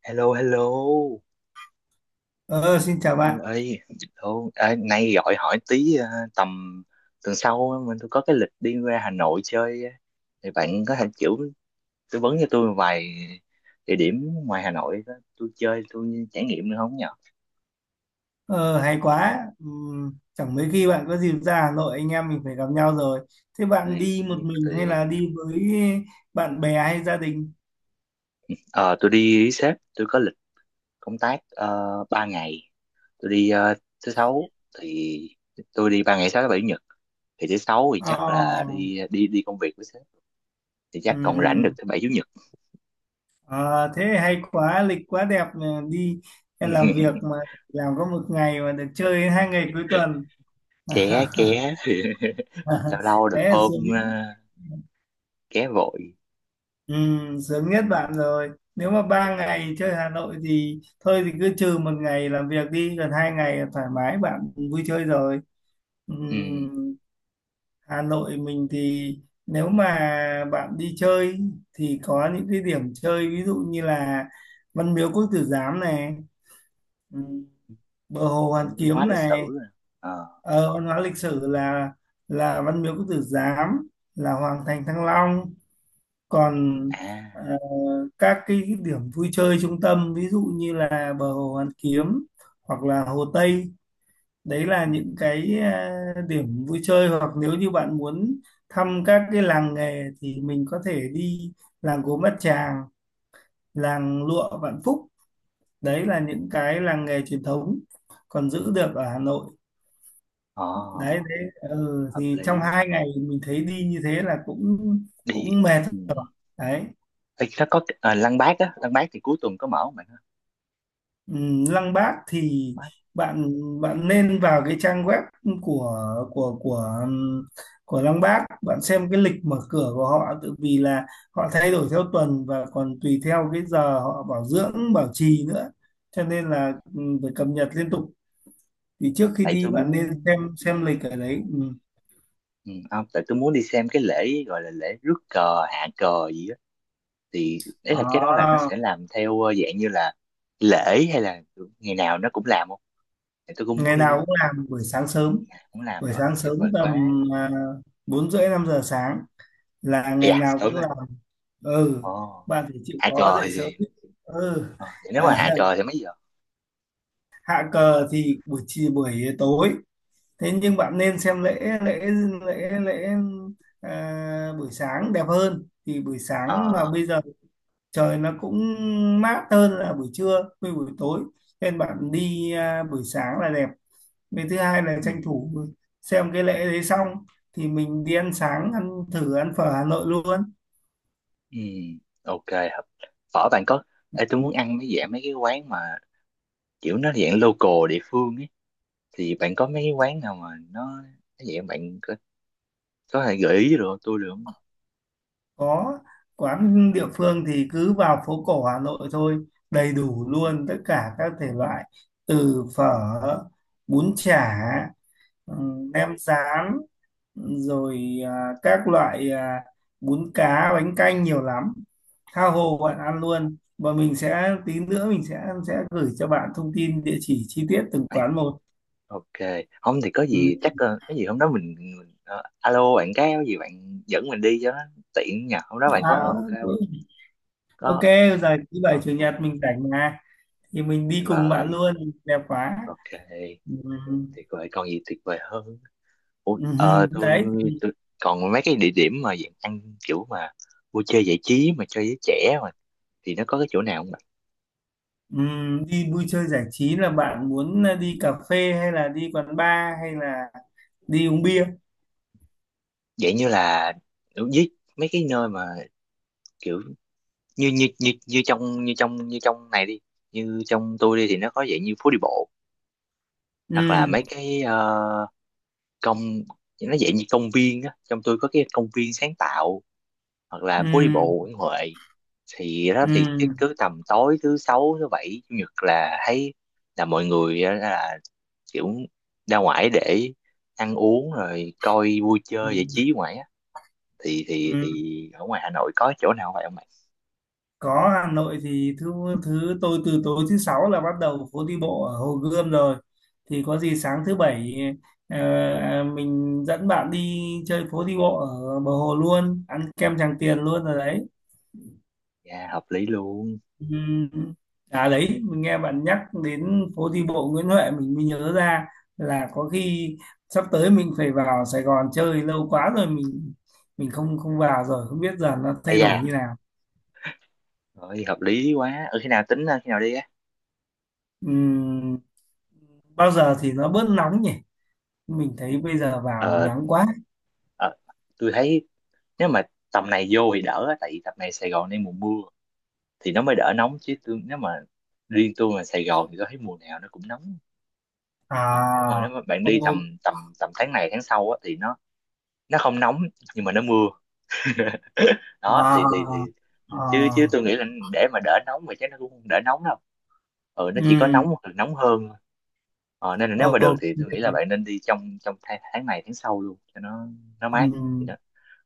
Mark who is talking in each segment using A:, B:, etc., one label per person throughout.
A: Hello, hello.
B: Ờ, Xin chào bạn.
A: Ơi, hello. Nay gọi hỏi tí à, tầm tuần sau á, tôi có cái lịch đi ra Hà Nội chơi á. Thì bạn có thể kiểu tư vấn cho tôi vài địa điểm ngoài Hà Nội đó. Tôi chơi, tôi trải nghiệm được không nhở?
B: Ờ, Hay quá. Chẳng mấy khi bạn có dịp ra Hà Nội, anh em mình phải gặp nhau rồi. Thế bạn
A: Đấy,
B: đi một mình hay
A: thì,
B: là đi với bạn bè hay gia đình?
A: ờ, tôi đi với sếp, tôi có lịch công tác 3 ngày. Tôi đi thứ sáu thì tôi đi 3 ngày sáu thứ bảy chủ nhật. Thì thứ sáu thì
B: Ờ,
A: chắc là đi đi đi công việc với sếp thì chắc còn rảnh được
B: ừm,
A: thứ bảy chủ nhật.
B: ờ, Thế hay quá, lịch quá đẹp mà đi làm việc mà làm có một ngày mà được chơi hai ngày cuối tuần.
A: Ké ké lâu lâu
B: Thế
A: được
B: là
A: hôm
B: sướng.
A: ké vội.
B: Ừ, sướng nhất
A: Ừ.
B: bạn rồi. Nếu mà ba ngày chơi Hà Nội thì thôi thì cứ trừ một ngày làm việc đi, còn hai ngày là thoải mái bạn vui chơi rồi. Ừ,
A: Ừ.
B: Hà Nội mình thì nếu mà bạn đi chơi thì có những cái điểm chơi ví dụ như là Văn Miếu Quốc Tử Giám này, ừ, bờ hồ Hoàn
A: Viện văn hóa
B: Kiếm
A: lịch
B: này,
A: sử à. Ờ.
B: văn hóa lịch sử là Văn Miếu Quốc Tử Giám, là Hoàng thành Thăng Long. Còn ờ,
A: À.
B: các cái điểm vui chơi trung tâm ví dụ như là bờ hồ Hoàn Kiếm hoặc là Hồ Tây, đấy là
A: Ừ.
B: những cái điểm vui chơi, hoặc nếu như bạn muốn thăm các cái làng nghề thì mình có thể đi làng Gốm Bát Tràng, làng Lụa Vạn Phúc, đấy là những cái làng nghề truyền thống còn giữ được ở Hà Nội.
A: Ờ.
B: Đấy đấy,
A: Hợp
B: thì trong
A: lý
B: hai ngày mình thấy đi như thế là cũng
A: đi.
B: cũng mệt
A: Ừ.
B: rồi đấy.
A: Ê, nó có cái- à, Lăng Bác á, Lăng Bác thì cuối tuần có mở không bạn ha
B: Lăng Bác thì
A: Bác.
B: bạn bạn nên vào cái trang web của của của ừm, của Lăng Bác, bạn xem cái lịch mở cửa của họ tự vì là họ thay đổi theo tuần và còn tùy theo cái giờ họ bảo dưỡng bảo trì nữa, cho nên là phải cập nhật liên tục.
A: Ừ.
B: Thì trước khi
A: Tại
B: đi
A: tôi
B: bạn nên
A: muốn. Ừ.
B: xem lịch ở đấy. Ừm.
A: Ừ, không tại tôi muốn đi xem cái lễ gọi là lễ rước cờ hạ cờ gì á, thì đấy là cái đó là nó
B: Đó,
A: sẽ làm theo dạng như là lễ hay là ngày nào nó cũng làm không, thì tôi cũng muốn
B: ngày
A: đi
B: nào cũng làm buổi sáng sớm
A: cũng làm
B: buổi
A: rồi
B: sáng
A: tuyệt
B: sớm
A: vời quá.
B: tầm 4h30 5 giờ sáng là ngày
A: Dạ
B: nào
A: sớm
B: cũng
A: rồi.
B: ừ
A: Ồ
B: bạn phải chịu
A: hạ
B: khó
A: cờ
B: dậy
A: thì
B: sớm.
A: gì?
B: ừ
A: Ờ, vậy nếu mà
B: à,
A: hạ cờ thì mấy giờ?
B: Hạ cờ thì buổi chiều buổi tối, thế nhưng bạn nên xem lễ lễ buổi sáng đẹp hơn, thì buổi
A: Ờ.
B: sáng mà bây giờ trời nó cũng mát hơn là buổi trưa với buổi tối, nên bạn đi buổi sáng là đẹp. Với thứ hai là
A: Ừ.
B: tranh thủ xem cái lễ đấy xong thì mình đi ăn sáng, ăn thử ăn phở Hà Nội luôn.
A: Ừ. Ok. Hợp. Phở bạn có. Ê, tôi muốn ăn mấy dạng mấy cái quán mà kiểu nó dạng local địa phương ấy, thì bạn có mấy cái quán nào mà nó dạng bạn có thể gợi ý được không? Tôi được không?
B: Có quán địa phương thì cứ vào phố cổ Hà Nội thôi, đầy đủ
A: Ừ.
B: luôn tất cả các thể loại, từ phở, bún chả, nem rán, rồi các loại bún cá, bánh canh nhiều lắm, tha hồ
A: ờ,
B: bạn ăn luôn. Và mình sẽ tí nữa mình sẽ gửi cho bạn thông tin địa chỉ chi tiết từng
A: Ê,
B: quán một.
A: ok. Không thì có
B: Ừm,
A: gì chắc cái gì hôm đó mình alo bạn cái có gì bạn dẫn mình đi cho nó tiện nhờ hôm đó bạn
B: à,
A: có ok không?
B: ừ. Ok
A: Có.
B: rồi thứ bảy
A: Ok.
B: chủ nhật mình rảnh mà, thì mình
A: Tuyệt
B: đi cùng bạn
A: vời.
B: luôn. Đẹp quá.
A: Ok.
B: Ừm,
A: Tuyệt vời, còn gì tuyệt vời hơn. Ủa,
B: Đấy thì,
A: tôi còn mấy cái địa điểm mà dạng ăn kiểu mà vui chơi giải trí mà cho giới trẻ mà thì nó có cái chỗ nào không ạ?
B: đi vui chơi giải trí là bạn muốn là đi cà phê hay là đi quán bar hay là đi uống bia?
A: Dạng như là với mấy cái nơi mà kiểu như như như như trong như trong như trong này đi, như trong tôi đi thì nó có dạng như phố đi bộ hoặc là
B: Ừm.
A: mấy cái công, nó dạng như công viên á, trong tôi có cái công viên sáng tạo hoặc là phố đi
B: Ừm.
A: bộ Nguyễn Huệ, thì đó thì cứ,
B: Ừm.
A: cứ tầm tối thứ sáu thứ bảy chủ nhật là thấy là mọi người á, là kiểu ra ngoài để ăn uống rồi coi vui chơi giải
B: Ừm.
A: trí ngoài á, thì thì
B: Ừm.
A: thì ở ngoài Hà Nội có chỗ nào vậy không bạn?
B: Có, Hà Nội thì thứ thứ tôi từ tối thứ sáu là bắt đầu phố đi bộ ở Hồ Gươm rồi, thì có gì sáng thứ bảy ờ, mình dẫn bạn đi chơi phố đi bộ ở bờ hồ luôn, ăn kem Tràng Tiền luôn rồi đấy.
A: Dạ hợp lý luôn.
B: Ừm, À đấy, mình nghe bạn nhắc đến phố đi bộ Nguyễn Huệ mình mới nhớ ra là có khi sắp tới mình phải vào Sài Gòn chơi, lâu quá rồi mình không không vào rồi, không biết giờ nó
A: Ây
B: thay đổi như
A: da,
B: nào.
A: rồi hợp lý quá. Ừ, khi nào tính ra, khi nào đi á?
B: Ừm, Bao giờ thì nó bớt nóng nhỉ? Mình thấy bây giờ vào
A: Ờ
B: nắng quá.
A: ờ, tôi thấy nếu mà tầm này vô thì đỡ á, tại vì tầm này Sài Gòn đang mùa mưa thì nó mới đỡ nóng, chứ tôi nếu mà riêng tôi mà Sài Gòn thì tôi thấy mùa nào nó cũng nóng. Ờ, đúng rồi,
B: À,
A: nếu mà bạn đi
B: ô,
A: tầm tầm tầm tháng này tháng sau á, thì nó không nóng nhưng mà nó mưa. Đó thì thì
B: à, à,
A: chứ chứ
B: à,
A: tôi nghĩ là để mà đỡ nóng thì chắc nó cũng không đỡ nóng đâu, ừ nó chỉ có
B: ừm,
A: nóng hoặc là nóng hơn thôi. Ờ, nên là nếu mà được
B: ok.
A: thì tôi nghĩ là bạn nên đi trong trong tháng này tháng sau luôn cho nó mát, thì
B: Ừm.
A: nó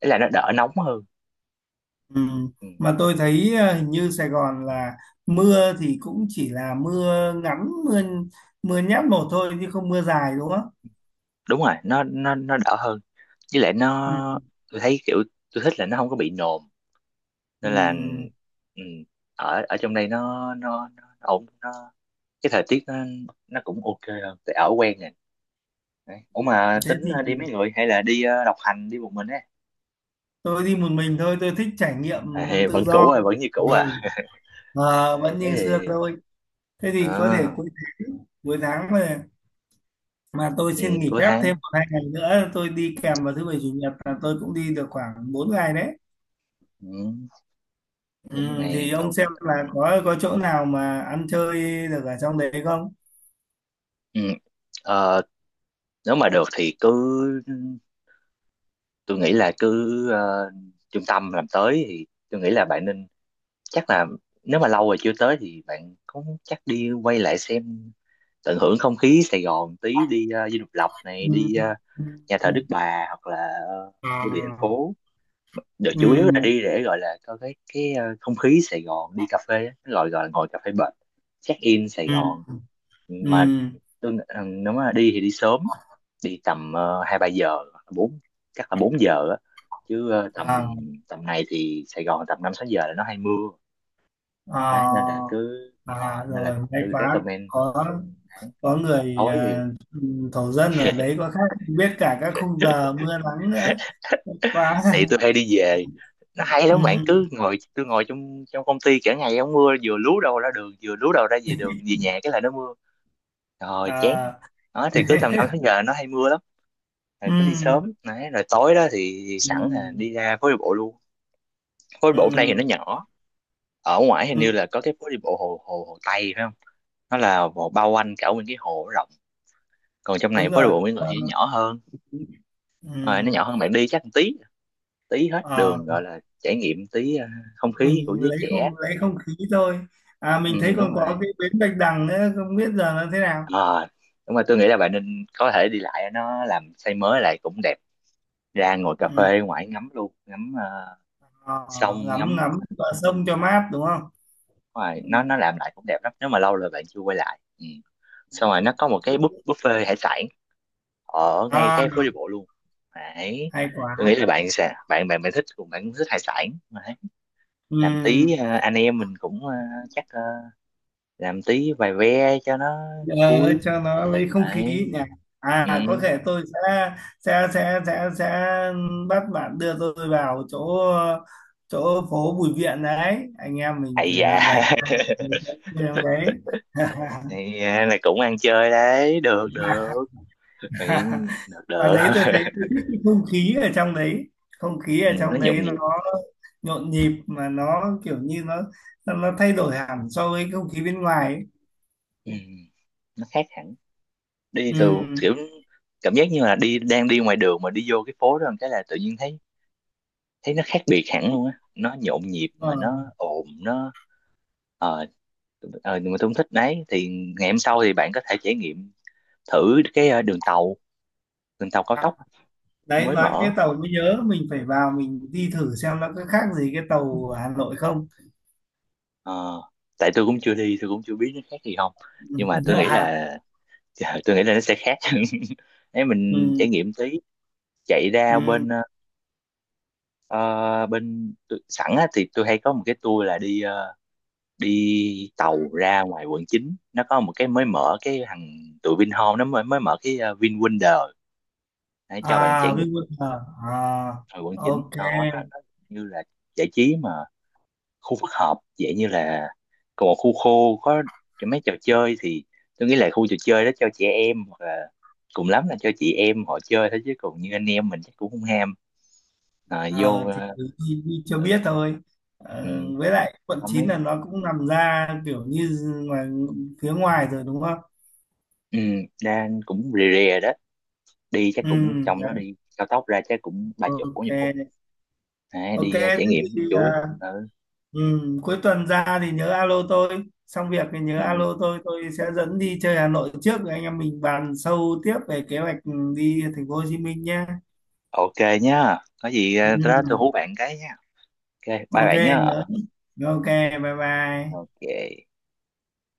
A: ý là nó đỡ nóng hơn.
B: Ừ.
A: Ừ,
B: Mà tôi thấy hình như Sài Gòn là mưa thì cũng chỉ là mưa ngắn, mưa mưa nhát một thôi chứ không mưa dài đúng không?
A: đúng rồi nó nó đỡ hơn với lại nó
B: Ừ.
A: tôi thấy kiểu tôi thích là nó không có bị nồm
B: Ừ.
A: nên là ừ, ở ở trong đây nó ổn nó cái thời tiết nó cũng ok rồi tại ở quen rồi. Đấy. Ủa mà
B: Thế
A: tính
B: thì
A: đi mấy người hay là đi độc hành đi một mình á,
B: tôi đi một mình thôi, tôi thích trải nghiệm
A: à, vẫn
B: tự do.
A: cũ à, vẫn như cũ à.
B: Ừ.
A: Ờ,
B: Ờ, vẫn
A: thế
B: như xưa
A: thì
B: thôi, thế thì có thể
A: ờ,
B: cuối tháng, mà tôi
A: ừ,
B: xin nghỉ
A: cuối
B: phép thêm
A: tháng
B: một hai ngày nữa, tôi đi kèm vào thứ bảy chủ nhật là tôi cũng đi được khoảng 4 ngày đấy.
A: ừ,
B: Ừ,
A: bốn
B: thì
A: ngày
B: ông
A: ok.
B: xem là có chỗ nào mà ăn chơi được ở trong đấy không?
A: Ừ. Ờ, nếu mà được thì tôi nghĩ là cứ trung tâm làm tới thì tôi nghĩ là bạn nên chắc là nếu mà lâu rồi chưa tới thì bạn cũng chắc đi quay lại xem tận hưởng không khí Sài Gòn tí đi Dinh Độc Lập này
B: Ừ,
A: đi
B: ừ,
A: nhà thờ
B: ừ.
A: Đức Bà hoặc là ờ, bưu điện thành
B: à,
A: phố được
B: ừ,
A: chủ yếu là đi để gọi là có cái không khí Sài Gòn đi cà phê á, cái gọi gọi là ngồi cà phê bệt check in Sài
B: ừ,
A: Gòn mà
B: ừ,
A: tôi nghĩ- ừ, nếu mà đi thì đi sớm, đi tầm hai ba giờ bốn, chắc là 4 giờ á, chứ ờ, tầm
B: à,
A: tầm này thì Sài Gòn tầm 5 6 giờ là nó hay mưa đấy, nên là
B: à,
A: nên là
B: rồi may
A: tôi
B: quá
A: recommend
B: có
A: đấy.
B: có người
A: Tối thì
B: thổ dân ở đấy có khác, biết cả các khung giờ mưa nắng nữa, may quá.
A: tại vì tôi hay đi về nó hay
B: ừ,
A: lắm bạn cứ ngồi tôi ngồi trong trong công ty cả ngày không mưa vừa lú đầu ra đường vừa lú đầu ra về đường về nhà cái là nó mưa rồi chán
B: à,
A: đó thì cứ tầm năm tháng giờ nó hay mưa lắm, rồi cứ đi
B: ừ,
A: sớm đấy, rồi tối đó thì
B: ừ,
A: sẵn là đi ra phố đi bộ luôn. Phố đi
B: ừ,
A: bộ hôm nay thì nó nhỏ, ở ngoài hình như
B: ừ,
A: là có cái phố đi bộ hồ hồ hồ Tây phải không, nó là một bao quanh cả nguyên cái hồ rộng còn trong này
B: đúng
A: phố đi
B: rồi.
A: bộ Nguyễn Huệ
B: Ờ,
A: thì nó nhỏ hơn,
B: ừ,
A: rồi nó nhỏ hơn bạn đi chắc một tí tí hết đường
B: à,
A: gọi là trải nghiệm tí không khí của
B: mình
A: giới trẻ.
B: lấy không khí thôi. À
A: Ừ,
B: mình thấy
A: đúng
B: còn có
A: rồi.
B: cái bến Bạch Đằng nữa, không biết giờ nó thế nào.
A: Ờ, đúng rồi tôi nghĩ là bạn nên có thể đi lại nó làm xây mới lại cũng đẹp, ra ngồi cà
B: Ừ,
A: phê ngoài ngắm luôn ngắm
B: ờ,
A: sông
B: ngắm
A: ngắm
B: ngắm bờ sông cho mát đúng không? Ừ.
A: ngoài nó làm lại cũng đẹp lắm nếu mà lâu rồi bạn chưa quay lại. Ừ. Xong rồi nó có một
B: Ừ.
A: cái buffet hải sản ở ngay
B: À,
A: cái phố đi bộ luôn đấy.
B: hay
A: Tôi nghĩ
B: quá.
A: là bạn sẽ bạn bạn bạn thích cùng bạn cũng thích hải sản đấy.
B: Ừ.
A: Làm tí anh em mình cũng chắc ờ, làm tí vài ve cho nó
B: Ờ,
A: vui
B: cho nó lấy không khí
A: đấy.
B: nhỉ.
A: Ừ.
B: À, có thể tôi sẽ sẽ sẽ sẽ sẽ bắt bạn đưa tôi vào chỗ, phố Bùi Viện đấy. Anh em mình
A: Ây
B: phải
A: da.
B: làm vậy đấy.
A: Thì à, là cũng ăn chơi đấy, được được. Thì được
B: Và
A: được.
B: đấy tôi thấy tôi thích cái không khí ở trong đấy, không khí
A: Ừ,
B: ở
A: nó
B: trong
A: nhộn
B: đấy nó
A: nhịp.
B: nhộn nhịp, mà nó kiểu như nó thay đổi hẳn so với không khí bên ngoài ấy.
A: Ừ, nó khác hẳn. Đi
B: Ừ.
A: từ kiểu cảm giác như là đang đi ngoài đường mà đi vô cái phố đó một cái là tự nhiên thấy thấy nó khác biệt hẳn luôn á. Nó nhộn nhịp
B: Ờ.
A: mà nó ồn, nó ờ nhưng mà tôi không thích đấy. Thì ngày hôm sau thì bạn có thể trải nghiệm thử cái đường tàu cao tốc
B: Đấy
A: mới
B: nói cái
A: mở.
B: tàu mới nhớ mình phải vào mình đi thử xem nó có khác gì cái tàu Hà Nội không.
A: Ờ, tại tôi cũng chưa đi, tôi cũng chưa biết nó khác gì không.
B: Ừ.
A: Nhưng mà tôi nghĩ
B: À.
A: là dạ, tôi nghĩ là nó sẽ khác. Nếu mình
B: Ừ.
A: trải nghiệm tí chạy ra bên
B: Ừ.
A: ờ, bên tôi- sẵn á, thì tôi hay có một cái tour là đi đi tàu ra ngoài quận 9 nó có một cái mới mở cái thằng tụi Vinhome nó mới mới mở cái VinWonder để
B: À
A: cho bạn trải nghiệm
B: Vinwonder à,
A: ngoài quận 9
B: ok.
A: nó như là giải trí mà khu phức hợp dạng như là còn một khu khô có mấy trò chơi, thì tôi nghĩ là khu trò chơi đó cho trẻ em hoặc là cùng lắm là cho chị em họ chơi thôi chứ còn như anh em mình chắc cũng không ham. À, vô
B: Ờ, thì đi, đi cho biết thôi.
A: ừ,
B: Ờ, với lại quận
A: có
B: 9
A: mấy,
B: là nó cũng nằm ra kiểu như ngoài, phía ngoài rồi đúng không?
A: ừ, đang cũng rề rề đó đi chắc
B: Ừ.
A: cũng trong đó
B: Đấy.
A: đi cao tốc ra chắc cũng ba chục bốn
B: Ok.
A: mươi phút À,
B: Ok
A: đi
B: thế
A: trải nghiệm
B: thì
A: chủ yếu. Ừ.
B: ừ, cuối tuần ra thì nhớ alo tôi, xong việc thì nhớ
A: Ừ.
B: alo tôi sẽ dẫn đi chơi Hà Nội trước rồi anh em mình bàn sâu tiếp về kế hoạch đi thành phố Hồ Chí Minh nhé.
A: Ok nhá có gì đó tôi
B: Ừ,
A: hú bạn cái nhá. Ok bye
B: ok.
A: bạn nhá.
B: Nhớ. Ok. Bye bye.
A: Ok